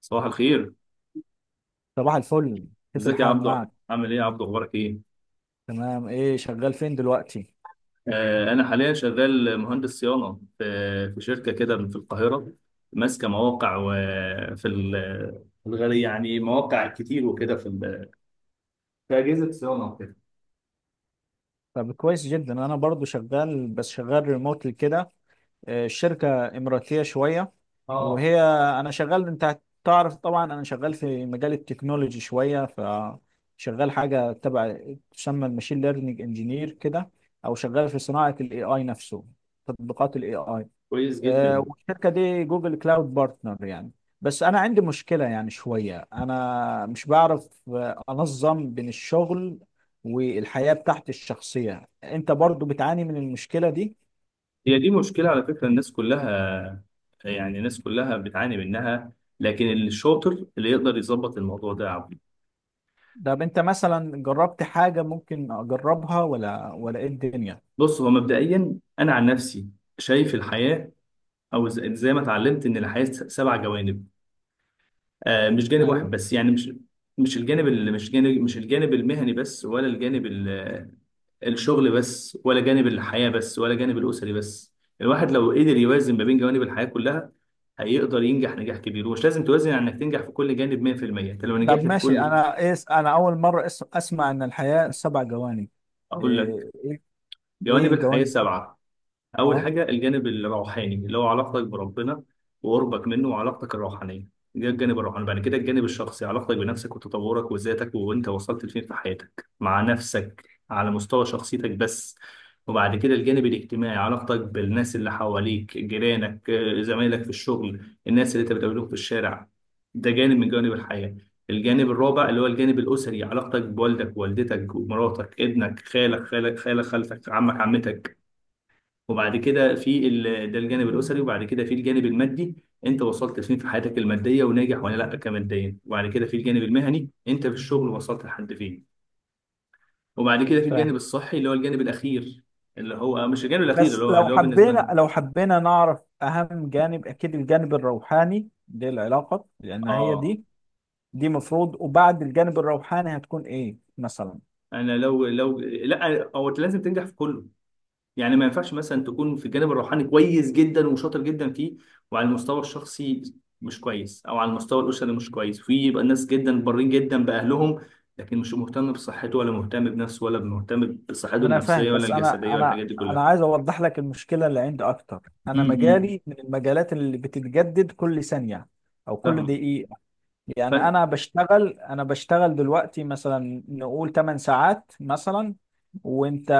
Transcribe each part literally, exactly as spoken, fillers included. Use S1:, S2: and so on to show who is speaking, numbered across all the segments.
S1: صباح الخير.
S2: صباح الفل. كيف
S1: ازيك يا
S2: الحال
S1: عبدو،
S2: معك؟
S1: عامل ايه يا عبدو؟ اخبارك ايه؟
S2: تمام، ايه شغال فين دلوقتي؟
S1: آه انا حاليا شغال مهندس صيانه في في شركه كده في القاهره، ماسكه مواقع وفي الغالي يعني مواقع كتير وكده، في ال- في اجهزه صيانه وكده.
S2: طب كويس جدا، انا برضو شغال بس شغال ريموتلي كده. آه، الشركة اماراتية شوية.
S1: اه،
S2: وهي انا شغال، انت تعرف طبعا انا شغال في مجال التكنولوجي شوية، فشغال حاجة تبع تسمى الماشين ليرنينج انجينير كده، او شغال في صناعة الاي اي نفسه، تطبيقات الاي اي.
S1: كويس
S2: آه،
S1: جدا.
S2: والشركه دي جوجل كلاود بارتنر يعني. بس انا عندي مشكله يعني شويه انا مش بعرف آه، انظم بين الشغل والحياه بتاعتي الشخصيه. انت برضو بتعاني من المشكله دي؟
S1: هي دي مشكله على فكره الناس كلها، يعني الناس كلها بتعاني منها، لكن الشاطر اللي يقدر يظبط الموضوع ده يا عبدو.
S2: طب انت مثلا جربت حاجه ممكن اجربها، ولا ولا ايه الدنيا؟
S1: بص، هو مبدئيا انا عن نفسي شايف الحياه، او ز- زي ما اتعلمت ان الحياه س- سبع جوانب. آه مش جانب
S2: ايوه.
S1: واحد بس، يعني مش مش الجانب اللي مش جانب مش الجانب المهني بس، ولا الجانب ال- الشغل بس، ولا جانب الحياه بس، ولا جانب الاسري بس. الواحد لو قدر يوازن ما بين جوانب الحياه كلها هيقدر ينجح نجاح كبير، ومش لازم توازن على انك تنجح في كل جانب مية في المية. انت لو
S2: طب
S1: نجحت في
S2: ماشي،
S1: كل،
S2: انا ايه، انا اول مره أس- اسمع ان الحياه سبع جوانب.
S1: اقول لك،
S2: ايه ايه. إيه
S1: جوانب الحياه
S2: الجوانب دي؟
S1: سبعه. أول
S2: اه.
S1: حاجة الجانب الروحاني، اللي هو علاقتك بربنا وقربك منه وعلاقتك الروحانية. ده الجانب الروحاني. بعد كده الجانب الشخصي، علاقتك بنفسك وتطورك وذاتك، وأنت وصلت لفين في حياتك مع نفسك على مستوى شخصيتك بس. وبعد كده الجانب الاجتماعي، علاقتك بالناس اللي حواليك، جيرانك، آه، زمايلك في الشغل، الناس اللي أنت بتقابلهم في الشارع. ده جانب من جوانب الحياة. الجانب الرابع اللي هو الجانب الأسري، علاقتك بوالدك ووالدتك ومراتك ابنك خالك خالك خالك خالتك عمك عمتك. وبعد كده في ال... ده الجانب الاسري. وبعد كده في الجانب المادي، انت وصلت فين في حياتك الماديه وناجح ولا لا كماديا. وبعد كده في الجانب المهني، انت في الشغل وصلت لحد فين. وبعد كده في الجانب الصحي، اللي هو الجانب الاخير، اللي هو مش الجانب الاخير، اللي
S2: بس
S1: هو
S2: لو
S1: اللي هو بالنسبه
S2: حبينا
S1: لنا.
S2: لو حبينا نعرف أهم جانب، أكيد الجانب الروحاني للعلاقة، لأن هي
S1: اه،
S2: دي دي مفروض. وبعد الجانب الروحاني هتكون إيه مثلا؟
S1: انا لو لو لا هو انت لازم تنجح في كله، يعني ما ينفعش مثلا تكون في الجانب الروحاني كويس جدا وشاطر جدا فيه، وعلى المستوى الشخصي مش كويس، او على المستوى الاسري مش كويس. في يبقى ناس جدا بارين جدا باهلهم، لكن مش مهتم بصحته ولا مهتم بنفسه ولا مهتم بصحته
S2: ما أنا فاهم،
S1: النفسيه ولا
S2: بس أنا
S1: الجسديه ولا
S2: أنا
S1: الحاجات دي
S2: أنا
S1: كلها.
S2: عايز أوضح لك المشكلة اللي عندي أكتر. أنا
S1: امم
S2: مجالي من المجالات اللي بتتجدد كل ثانية أو كل
S1: فاهم.
S2: دقيقة. يعني
S1: ف...
S2: انا بشتغل انا بشتغل دلوقتي مثلا نقول 8 ساعات مثلا. وانت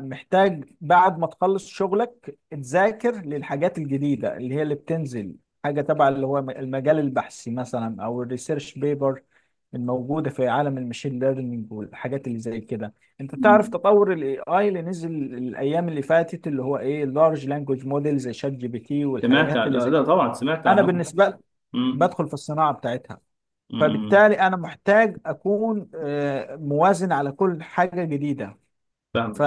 S2: محتاج بعد ما تخلص شغلك تذاكر للحاجات الجديدة اللي هي اللي بتنزل، حاجة تبع اللي هو المجال البحثي مثلا او الريسيرش بيبر الموجودة في عالم المشين ليرنينج والحاجات اللي زي كده. انت تعرف
S1: مم.
S2: تطور الاي اي اللي نزل الايام اللي فاتت، اللي هو ايه، لارج لانجوج موديل زي شات جي بي تي
S1: سمعت
S2: والحاجات
S1: عن...
S2: اللي
S1: لا
S2: زي.
S1: لا، طبعا سمعت
S2: انا
S1: عنهم.
S2: بالنسبة لي
S1: امم
S2: بدخل في الصناعة بتاعتها.
S1: امم
S2: فبالتالي انا محتاج اكون آه، موازن على كل حاجه جديده.
S1: فاهمك.
S2: ف...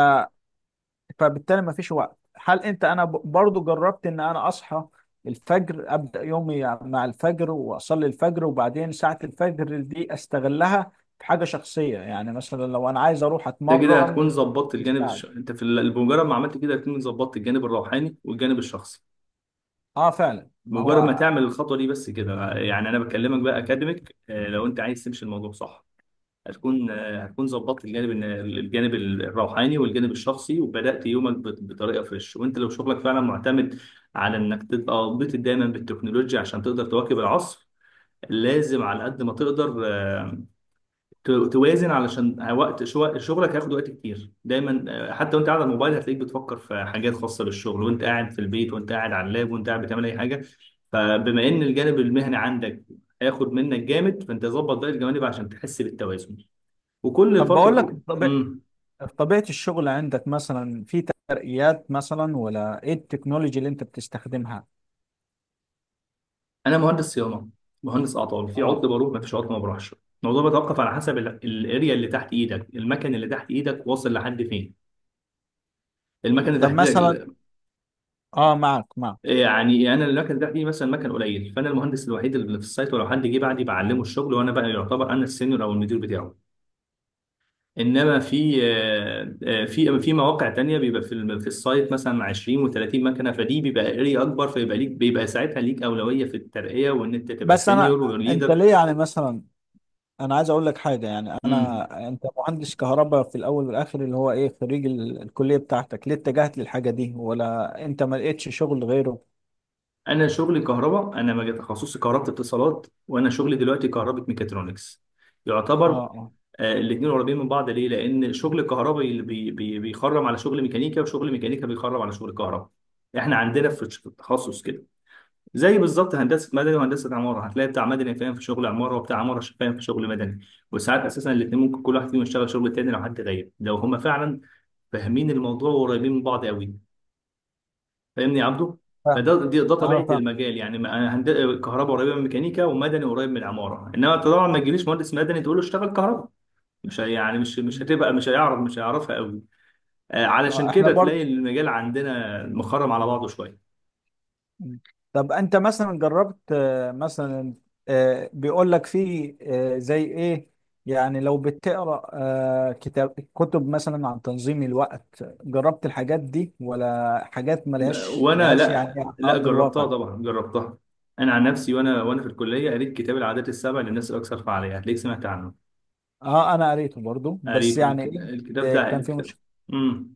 S2: فبالتالي ما فيش وقت. هل انت انا ب- برضو جربت ان انا اصحى الفجر، ابدا يومي مع الفجر واصلي الفجر، وبعدين ساعه الفجر دي استغلها في حاجه شخصيه، يعني مثلا لو انا عايز اروح
S1: ده كده هتكون
S2: اتمرن
S1: ظبطت
S2: في
S1: الجانب
S2: الساعه دي.
S1: الش... انت في ال- بمجرد ما عملت كده هتكون ظبطت الجانب الروحاني والجانب الشخصي.
S2: اه فعلا، ما
S1: مجرد ما
S2: هو.
S1: تعمل الخطوه دي بس كده، يعني انا بكلمك بقى اكاديميك، آه، لو انت عايز تمشي الموضوع صح هتكون، آه، هتكون ظبطت الجانب الن- الجانب الروحاني والجانب الشخصي، وبدات يومك بط- بطريقه فريش. وانت لو شغلك فعلا معتمد على انك تبقى مبتكر دايما بالتكنولوجيا عشان تقدر تواكب العصر، لازم على قد ما تقدر آه، ت- توازن، علشان وقت شو- شغلك هياخد وقت كتير دايما. آه، حتى وانت قاعد على الموبايل هتلاقيك بتفكر في حاجات خاصة بالشغل، وانت قاعد في البيت، وانت قاعد على اللاب، وانت قاعد بتعمل اي حاجة. فبما ان الجانب المهني عندك هياخد منك جامد، فانت ظبط باقي الجوانب عشان تحس بالتوازن. وكل
S2: طب بقول لك
S1: فترة
S2: طب...
S1: امم
S2: طبيعه الشغل عندك مثلا، في ترقيات مثلا ولا ايه التكنولوجي اللي انت بتستخدمها؟
S1: انا مهندس صيانة، مهندس اعطال، في عطل
S2: اه.
S1: بروح، ما فيش عطل ما بروحش. الموضوع بيتوقف على حسب ال- الاريا اللي تحت ايدك، المكن اللي تحت ايدك واصل لحد فين، المكنه اللي
S2: طب
S1: تحت
S2: مثلا.
S1: ايدك.
S2: اه، معك معك.
S1: يعني انا المكن ده فيه مثلا مكن قليل، فانا المهندس الوحيد اللي في السايت، ولو حد جه بعدي بعلمه الشغل، وانا بقى يعتبر انا السينيور او المدير بتاعه. انما في آه، آه، في في مواقع تانية بيبقى في الم- في السايت مثلا عشرين و30 مكنه، فدي بيبقى اري اكبر، فيبقى ليك، بيبقى ساعتها ليك اولويه في الترقيه وان انت تبقى
S2: بس انا،
S1: سينيور
S2: انت
S1: وليدر.
S2: ليه يعني مثلا؟ انا عايز اقول لك حاجه، يعني
S1: امم
S2: انا انت مهندس كهرباء في الاول والاخر، اللي هو ايه، خريج ال- الكليه بتاعتك، ليه اتجهت للحاجه دي ولا انت ما لقيتش شغل غيره؟
S1: انا شغلي كهرباء، انا مجال تخصصي كهرباء اتصالات، وانا شغلي دلوقتي كهرباء ميكاترونكس
S2: اه.
S1: يعتبر.
S2: اه
S1: الاثنين قريبين من بعض ليه؟ لان شغل الكهرباء اللي بي بي بيخرم على شغل ميكانيكا، وشغل ميكانيكا بيخرم على شغل كهرباء. احنا عندنا في الش- في التخصص كده زي بالظبط هندسه مدني وهندسه عماره، هتلاقي بتاع مدني فاهم في شغل عماره، وبتاع عماره ش- فاهم في شغل مدني. وساعات اساسا الاثنين ممكن كل واحد فيهم يشتغل شغل التاني لو حد غايب، لو هما فعلا فاهمين الموضوع وقريبين من بعض قوي. فاهمني يا عبده؟
S2: فاهم.
S1: فده دي- ده طبيعه
S2: اه فاهم.
S1: المجال، يعني ما- أنا هند... كهرباء قريبه من ميكانيكا، ومدني قريب من العماره. انما انت طبعا ما تجيليش مهندس مدني تقول له اشتغل كهرباء، مش هي- يعني مش مش هتبقى مش هيعرف، مش هيعرفها قوي. آه،
S2: آه،
S1: علشان
S2: احنا
S1: كده تلاقي
S2: برضو.
S1: المجال عندنا مخرم على بعضه شويه.
S2: مم. طب انت مثلا جربت، آه، مثلا آه، بيقول لك في، آه، زي ايه، يعني لو بتقرا آه، كتاب كتب مثلا عن تنظيم الوقت، جربت الحاجات دي ولا حاجات
S1: آه،
S2: ملهاش
S1: وانا
S2: لهاش
S1: لا
S2: يعني على
S1: لا
S2: ارض
S1: جربتها
S2: الواقع؟
S1: طبعا، جربتها. انا عن نفسي، وانا وانا في الكليه قريت كتاب العادات السبع للناس الاكثر فعاليه، هتلاقيك سمعت عنه.
S2: اه انا قريته برضو، بس
S1: قريته
S2: يعني
S1: الك-
S2: ايه،
S1: الكتاب
S2: آه،
S1: ده
S2: كان في
S1: الكتاب.
S2: مشكله.
S1: امم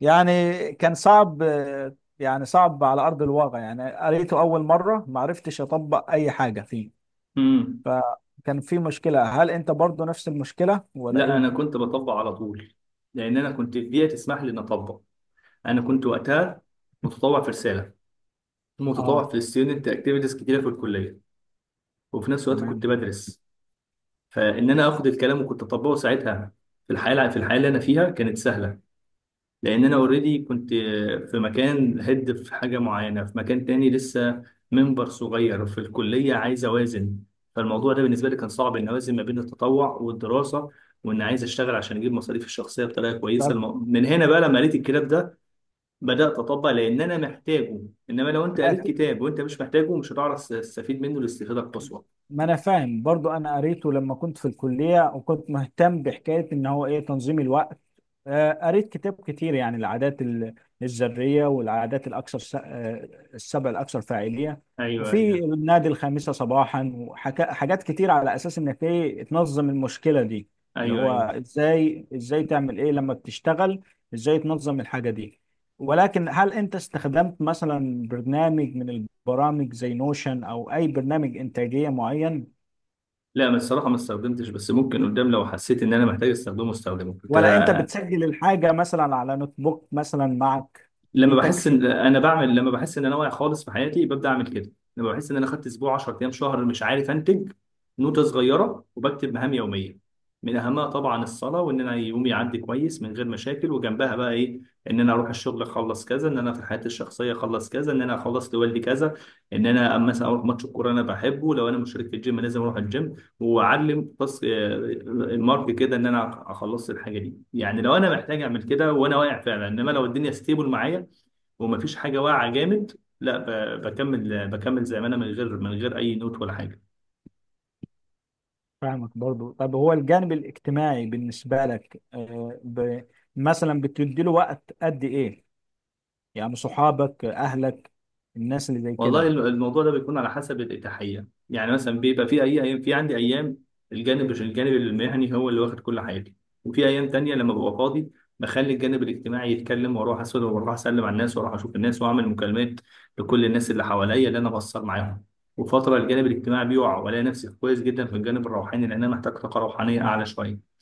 S2: يعني كان صعب، آه، يعني صعب على ارض الواقع، يعني قريته اول مره ما عرفتش اطبق اي حاجه فيه.
S1: امم
S2: ف- كان في مشكلة، هل انت برضو نفس المشكلة ولا
S1: لا،
S2: ايه؟
S1: انا كنت بطبق على طول، لان انا كنت البيئه تسمح لي ان اطبق. انا كنت وقتها متطوع في رساله، متطوع
S2: اه.
S1: في الستودنت اكتيفيتيز كتيره في الكليه، وفي نفس الوقت كنت
S2: تمام.
S1: بدرس. فان انا اخد الكلام وكنت اطبقه ساعتها في الحياه، في الحياه اللي انا فيها كانت سهله، لان انا اوريدي كنت في مكان، هيد في حاجه معينه، في مكان تاني لسه منبر صغير في الكليه، عايز اوازن. فالموضوع ده بالنسبه لي كان صعب ان اوازن ما بين التطوع والدراسه، وان عايز اشتغل عشان اجيب مصاريفي الشخصيه بطريقه
S2: ده
S1: كويسه. الم- من هنا بقى لما قريت الكتاب ده بدات اطبق، لان انا محتاجه. انما لو انت قريت
S2: أت-
S1: كتاب وانت مش محتاجه، مش هتعرف تستفيد منه الاستفاده القصوى.
S2: ما انا فاهم برضو، انا قريته لما كنت في الكليه وكنت مهتم بحكايه ان هو ايه تنظيم الوقت. آه، قريت كتاب كتير، يعني العادات ال- الذرية، والعادات الأكثر س- آه، السبع الأكثر فاعلية،
S1: ايوه ايوه
S2: وفي النادي الخامسة صباحا، وحاجات كتير على أساس إنك إيه تنظم المشكلة دي، اللي
S1: ايوه
S2: هو
S1: ايوه
S2: إزاي إزاي تعمل إيه لما بتشتغل، إزاي تنظم الحاجة دي. ولكن هل أنت استخدمت مثلا برنامج من البرامج زي نوشن أو أي برنامج إنتاجية معين؟
S1: لا، ما الصراحة ما استخدمتش، بس ممكن قدام لو حسيت ان انا محتاج استخدمه استخدمه. كنت
S2: ولا أنت
S1: آه،
S2: بتسجل الحاجة مثلا على نوت بوك مثلا معك؟ دي
S1: لما بحس
S2: تكفي.
S1: ان انا بعمل، لما بحس ان انا واقع خالص في حياتي ببدأ اعمل كده. لما بحس ان انا خدت اسبوع، عشرة ايام، شهر مش عارف انتج، نوتة صغيرة وبكتب مهام يومية، من اهمها طبعا الصلاة، وان انا يومي يعدي كويس من غير مشاكل، وجنبها بقى ايه. ان انا اروح الشغل اخلص كذا، ان انا في حياتي الشخصية اخلص كذا، ان انا اخلص لوالدي كذا، ان انا مثلا اروح ماتش الكورة انا بحبه، لو انا مشترك في الجيم لازم اروح الجيم. واعلم بس آه، المارك كده ان انا اخلص الحاجه دي، يعني لو انا محتاج اعمل كده وانا واقع فعلا. انما لو الدنيا ستيبل معايا ومفيش حاجه واقعه جامد، لا ب- بكمل، بكمل زي ما انا، من غير من غير اي نوت ولا حاجه.
S2: فاهمك برضو. طب هو الجانب الاجتماعي بالنسبة لك، آه، ب... مثلا بتديله وقت قد ايه؟ يعني صحابك، اهلك، الناس اللي زي
S1: والله
S2: كده.
S1: الم- الموضوع ده بيكون على حسب الإتاحية، يعني مثلا بيبقى في أي أيام، في عندي أيام الجانب الجانب المهني هو اللي واخد كل حاجة، وفي أيام تانية لما ببقى فاضي بخلي الجانب الاجتماعي يتكلم، وأروح أسأل وأروح أسلم على الناس وأروح أشوف الناس وأعمل مكالمات لكل الناس اللي حواليا اللي أنا بأثر معاهم. وفترة الجانب الاجتماعي بيقع، وألاقي نفسي كويس جدا في الجانب الروحاني، لأن أنا محتاج طاقة روحانية أعلى شوية.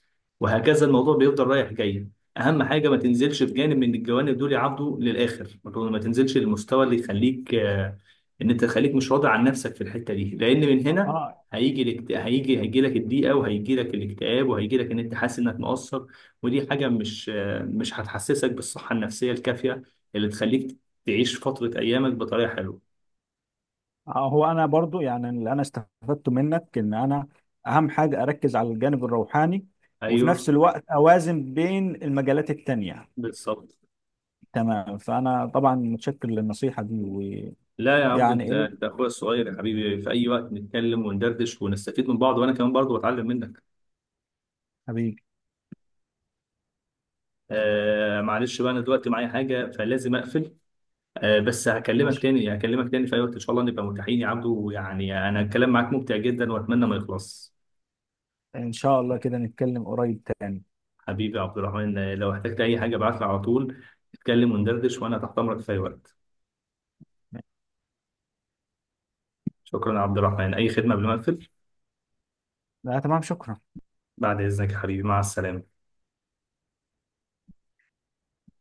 S1: وهكذا الموضوع بيفضل رايح جاي. اهم حاجه ما تنزلش في جانب من الجوانب دول يعبدوا للاخر. ما تقول- ما تنزلش للمستوى اللي يخليك آه، ان انت خليك مش راضي عن نفسك في الحته دي، لان من هنا
S2: اه.
S1: هيجي الاكت... هيجي هيجي لك الضيقه، وهيجي لك الاكتئاب، وهيجي لك ان انت حاسس انك مقصر. ودي حاجه مش آه، مش هتحسسك بالصحه النفسيه الكافيه اللي تخليك تعيش فتره ايامك بطريقه حلوه.
S2: آه، هو انا برضو يعني اللي انا استفدته منك ان انا اهم حاجة اركز على الجانب الروحاني، وفي نفس
S1: ايوه،
S2: الوقت اوازن بين المجالات التانية.
S1: بالظبط.
S2: تمام. فانا طبعا متشكر للنصيحة دي.
S1: لا يا عبدو،
S2: ويعني
S1: انت
S2: ايه
S1: انت اخويا الصغير يا حبيبي، في اي وقت نتكلم وندردش ونستفيد من بعض، وانا كمان برضو بتعلم منك.
S2: حبيبي.
S1: آه معلش بقى، انا دلوقتي معايا حاجه فلازم اقفل. آه بس هكلمك
S2: ماشي.
S1: تاني هكلمك تاني في اي وقت ان شاء الله نبقى متاحين يا عبدو، ويعني انا الكلام معاك ممتع جدا واتمنى ما يخلص.
S2: ان شاء الله كده نتكلم قريب تاني.
S1: حبيبي يا عبد الرحمن، آه، لو احتجت اي حاجه ابعت لي على طول، نتكلم وندردش وانا تحت امرك في اي وقت. شكرا يا عبد الرحمن، اي خدمه قبل ما اقفل؟
S2: لا تمام، شكرا.
S1: بعد اذنك يا حبيبي، مع السلامه.